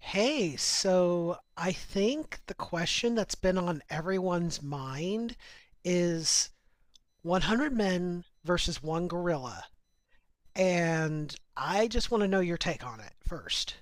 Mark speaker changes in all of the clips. Speaker 1: Hey, so I think the question that's been on everyone's mind is 100 men versus one gorilla. And I just want to know your take on it first.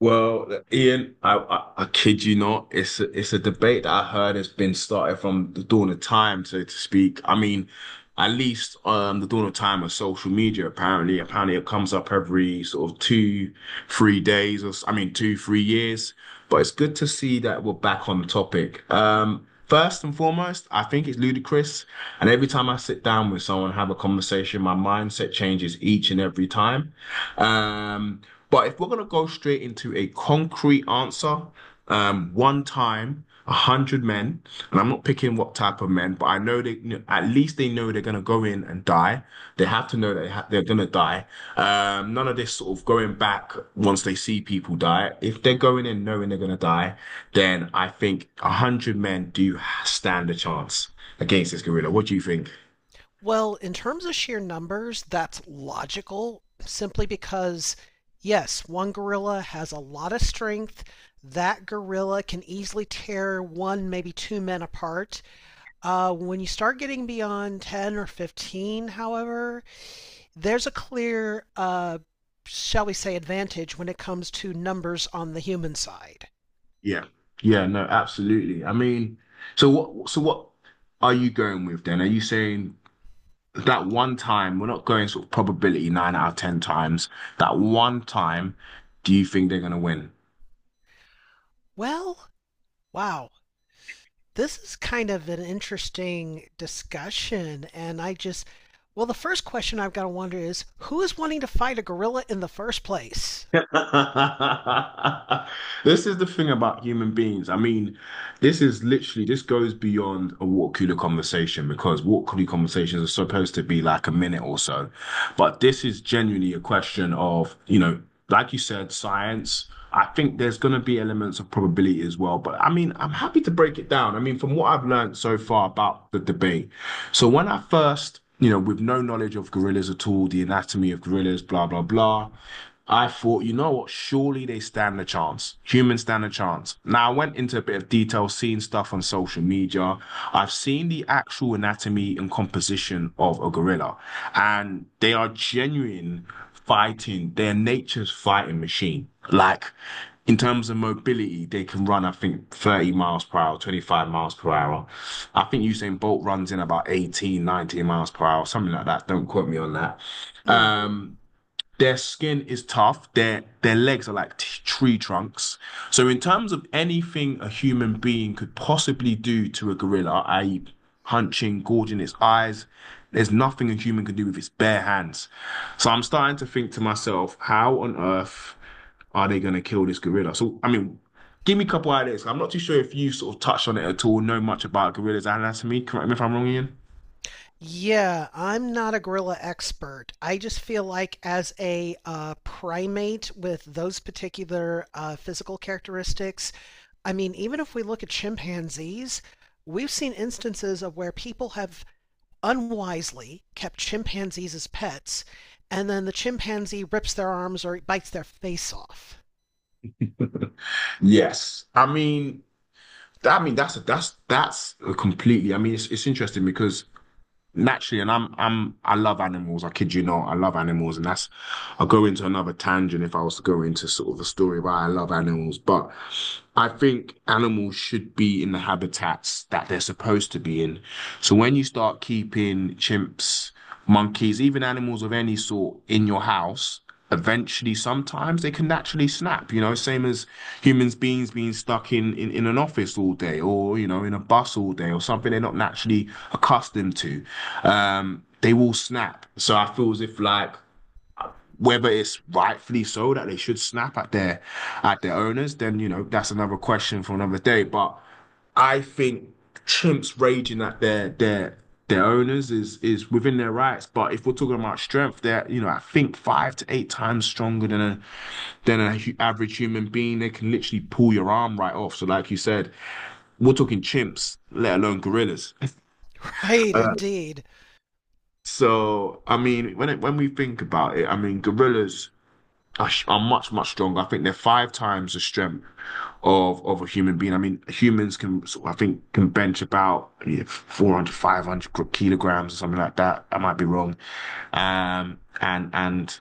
Speaker 2: Well, Ian, I kid you not. It's a debate that I heard has been started from the dawn of time, so to speak. I mean, at least the dawn of time of social media, apparently it comes up every sort of 2-3 days, or I mean 2-3 years, but it's good to see that we're back on the topic. First and foremost, I think it's ludicrous. And every time I sit down with someone and have a conversation, my mindset changes each and every time. Um, but if we're going to go straight into a concrete answer, one time 100 men, and I'm not picking what type of men, but I know they at least they know they're gonna go in and die. They have to know they're gonna die. None of this sort of going back once they see people die. If they're going in knowing they're gonna die, then I think 100 men do stand a chance against this gorilla. What do you think?
Speaker 1: Well, in terms of sheer numbers, that's logical simply because, yes, one gorilla has a lot of strength. That gorilla can easily tear one, maybe two men apart. When you start getting beyond 10 or 15, however, there's a clear, shall we say, advantage when it comes to numbers on the human side.
Speaker 2: Yeah, yeah, no, absolutely. I mean, So what are you going with then? Are you saying that one time, we're not going sort of probability nine out of ten times. That one time, do you think they're gonna win?
Speaker 1: Well, wow, this is kind of an interesting discussion, and well, the first question I've got to wonder is, who is wanting to fight a gorilla in the first place?
Speaker 2: This is the thing about human beings. I mean, this is literally, this goes beyond a water cooler conversation, because water cooler conversations are supposed to be like a minute or so. But this is genuinely a question of, you know, like you said, science. I think there's going to be elements of probability as well. But I mean, I'm happy to break it down. I mean, from what I've learned so far about the debate. So when I first, you know, with no knowledge of gorillas at all, the anatomy of gorillas, blah, blah, blah, I thought, you know what? Surely they stand a chance. Humans stand a chance. Now, I went into a bit of detail, seeing stuff on social media. I've seen the actual anatomy and composition of a gorilla, and they are genuine fighting. They're nature's fighting machine. Like, in terms of mobility, they can run, I think, 30 miles per hour, 25 miles per hour. I think Usain Bolt runs in about 18, 19 miles per hour, something like that. Don't quote me on that.
Speaker 1: Mm.
Speaker 2: Um, their skin is tough. Their legs are like tree trunks. So in terms of anything a human being could possibly do to a gorilla, i.e., punching, gouging its eyes, there's nothing a human can do with its bare hands. So I'm starting to think to myself, how on earth are they going to kill this gorilla? So I mean, give me a couple ideas. I'm not too sure if you sort of touched on it at all, know much about gorilla's anatomy. Correct me if I'm wrong, Ian.
Speaker 1: Yeah, I'm not a gorilla expert. I just feel like as a primate with those particular physical characteristics, I mean, even if we look at chimpanzees, we've seen instances of where people have unwisely kept chimpanzees as pets, and then the chimpanzee rips their arms or bites their face off.
Speaker 2: Yes. I mean, that's completely. I mean, it's interesting because naturally, and I love animals. I kid you not, I love animals, and that's I'll go into another tangent if I was to go into sort of a story why I love animals. But I think animals should be in the habitats that they're supposed to be in. So when you start keeping chimps, monkeys, even animals of any sort in your house, eventually sometimes they can naturally snap, you know, same as humans beings being stuck in an office all day, or, you know, in a bus all day, or something they're not naturally accustomed to. They will snap. So I feel as if like whether it's rightfully so that they should snap at their owners, then you know that's another question for another day. But I think chimps raging at their owners is within their rights. But if we're talking about strength, they're, you know, I think five to eight times stronger than a than an average human being. They can literally pull your arm right off. So like you said, we're talking chimps, let alone gorillas.
Speaker 1: Right,
Speaker 2: Uh,
Speaker 1: indeed.
Speaker 2: so I mean, when we think about it, I mean gorillas are, are much stronger. I think they're five times the strength of a human being. I mean, humans can I think can bench about, yeah, 400, 500 kilograms or something like that. I might be wrong. And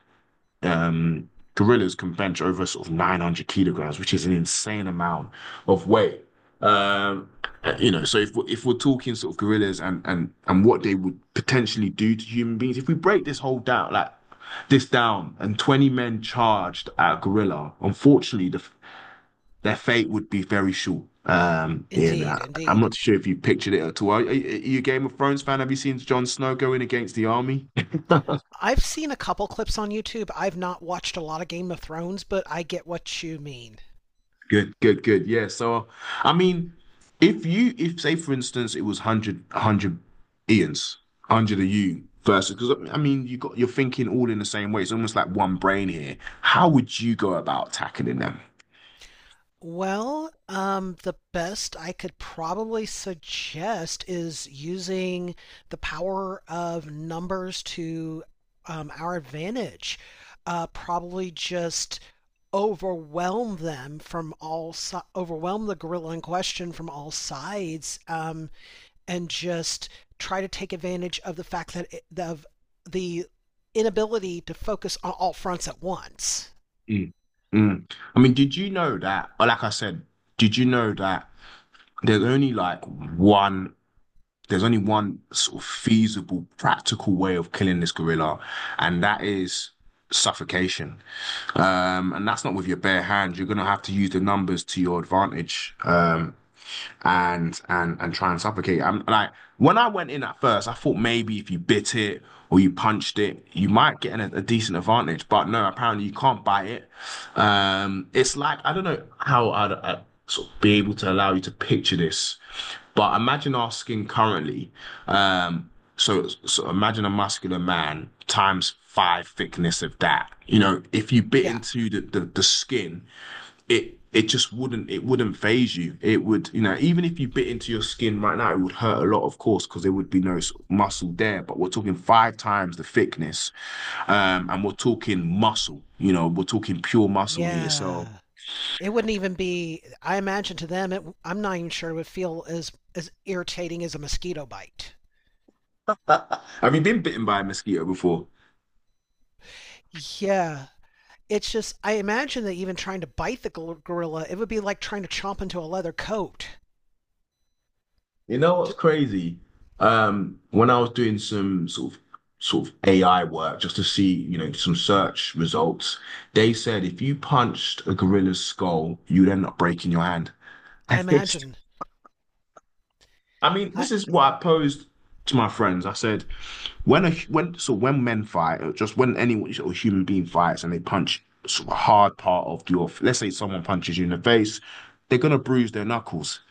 Speaker 2: um, gorillas can bench over sort of 900 kilograms, which is an insane amount of weight. Um, you know, so if we're talking sort of gorillas, and what they would potentially do to human beings, if we break this down, and 20 men charged at a gorilla, unfortunately, their fate would be very short. You know,
Speaker 1: Indeed,
Speaker 2: I'm
Speaker 1: indeed.
Speaker 2: not sure if you pictured it at all. Are you a Game of Thrones fan? Have you seen Jon Snow going against the army?
Speaker 1: I've seen a couple clips on YouTube. I've not watched a lot of Game of Thrones, but I get what you mean.
Speaker 2: Good, good, good. Yeah. So, I mean, if, say, for instance, it was Ian's, 100 of you versus, because I mean, you're thinking all in the same way. It's almost like one brain here. How would you go about tackling them?
Speaker 1: Well, the best I could probably suggest is using the power of numbers to our advantage. Probably just overwhelm the gorilla in question from all sides, and just try to take advantage of the fact that it, of the inability to focus on all fronts at once.
Speaker 2: Mm. Mm. I mean, did you know that, or like I said, did you know that there's only like one there's only one sort of feasible, practical way of killing this gorilla, and that is suffocation. And that's not with your bare hands. You're going to have to use the numbers to your advantage. And try and suffocate. I'm like when I went in at first, I thought maybe if you bit it or you punched it, you might get a decent advantage. But no, apparently you can't bite it. It's like I don't know how I'd sort of be able to allow you to picture this, but imagine our skin currently. Um, so imagine a muscular man times five thickness of that. You know, if you bit
Speaker 1: Yeah,
Speaker 2: into the skin, it just wouldn't phase you. It would, you know, even if you bit into your skin right now, it would hurt a lot, of course, because there would be no sort of muscle there. But we're talking five times the thickness, and we're talking muscle. You know, we're talking pure muscle here. So,
Speaker 1: yeah. It wouldn't even be, I imagine, to them, I'm not even sure it would feel as irritating as a mosquito bite.
Speaker 2: have you been bitten by a mosquito before?
Speaker 1: Yeah, it's just, I imagine that even trying to bite the gorilla, it would be like trying to chomp into a leather coat.
Speaker 2: You know what's
Speaker 1: J-
Speaker 2: crazy? When I was doing some sort of AI work just to see, you know, some search results, they said if you punched a gorilla's skull, you'd end up breaking your hand. I
Speaker 1: I imagine
Speaker 2: mean,
Speaker 1: I
Speaker 2: this is what I posed to my friends. I said, when men fight, or just when any or human being fights, and they punch sort of a hard part of your, let's say someone punches you in the face, they're gonna bruise their knuckles,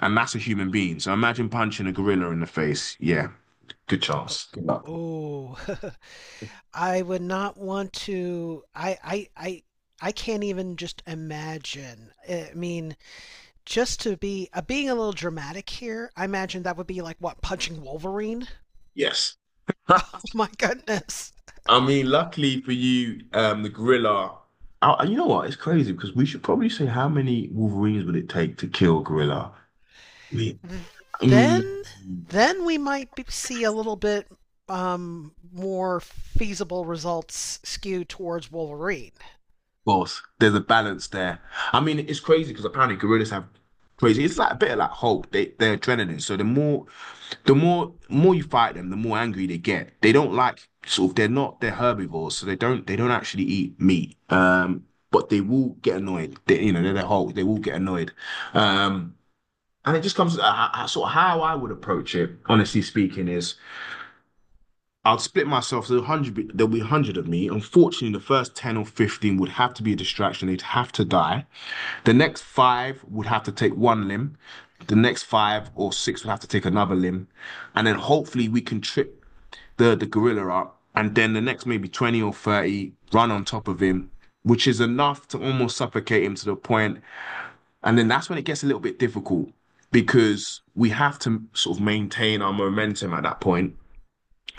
Speaker 2: and that's a human being. So imagine punching a gorilla in the face. Yeah, good
Speaker 1: Oh,
Speaker 2: chance. Good luck.
Speaker 1: oh. I would not want to. I can't even just imagine. I mean, just to be being a little dramatic here, I imagine that would be like what, punching Wolverine?
Speaker 2: Yes.
Speaker 1: Oh my goodness.
Speaker 2: I mean, luckily for you, the gorilla. You know what? It's crazy because we should probably say, how many Wolverines would it take to kill a gorilla? We, um,
Speaker 1: Then then we might be, see a little bit more feasible results skew towards Wolverine.
Speaker 2: both. There's a balance there. I mean, it's crazy because apparently gorillas have crazy. It's like a bit of like Hulk. They're adrenaline. So the more you fight them, the more angry they get. They don't like sort of they're herbivores, so they don't actually eat meat. But they will get annoyed. They, you know, they're the Hulk. They will get annoyed. Um, and it just comes sort of how I would approach it. Honestly speaking, is I'll split myself. So 100, there'll be 100 of me. Unfortunately, the first 10 or 15 would have to be a distraction. They'd have to die. The next five would have to take one limb. The next five or six would have to take another limb. And then hopefully we can trip the gorilla up. And then the next maybe 20 or 30 run on top of him, which is enough to almost suffocate him to the point. And then that's when it gets a little bit difficult because we have to sort of maintain our momentum at that point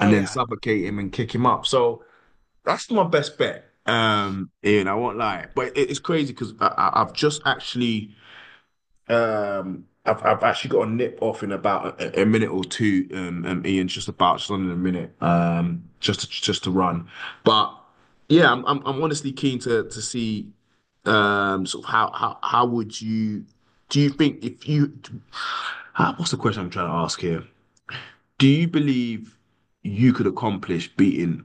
Speaker 1: Oh
Speaker 2: and then
Speaker 1: yeah,
Speaker 2: suffocate him and kick him up. So that's my best bet. Ian, I won't lie, but it's crazy because I've just actually, I've actually got a nip off in about a minute or two, Ian, just about just under a minute, just to, run. But yeah, I'm honestly keen to see, sort of, how would you, do you think if you, what's the question I'm trying to ask here? Do you believe you could accomplish beating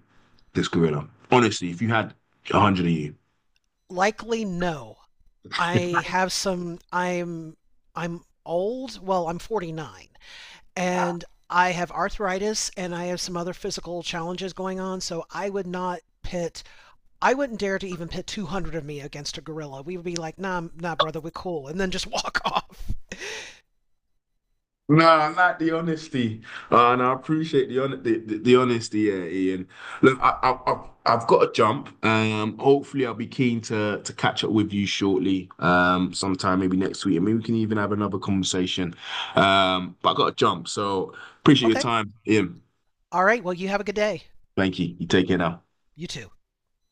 Speaker 2: this gorilla? Honestly, if you had 100 of you.
Speaker 1: likely no. I have some. I'm old. Well, I'm 49, and I have arthritis, and I have some other physical challenges going on. So I would not pit. I wouldn't dare to even pit 200 of me against a gorilla. We would be like, nah, nah, brother, we're cool, and then just walk off.
Speaker 2: No, I like the honesty, and I appreciate the honesty, yeah, Ian. Look, I've got to jump. Hopefully, I'll be keen to catch up with you shortly, sometime maybe next week, and maybe we can even have another conversation. But I got to jump, so appreciate your
Speaker 1: Okay.
Speaker 2: time, Ian.
Speaker 1: All right. Well, you have a good day.
Speaker 2: Thank you. You take care now.
Speaker 1: You too.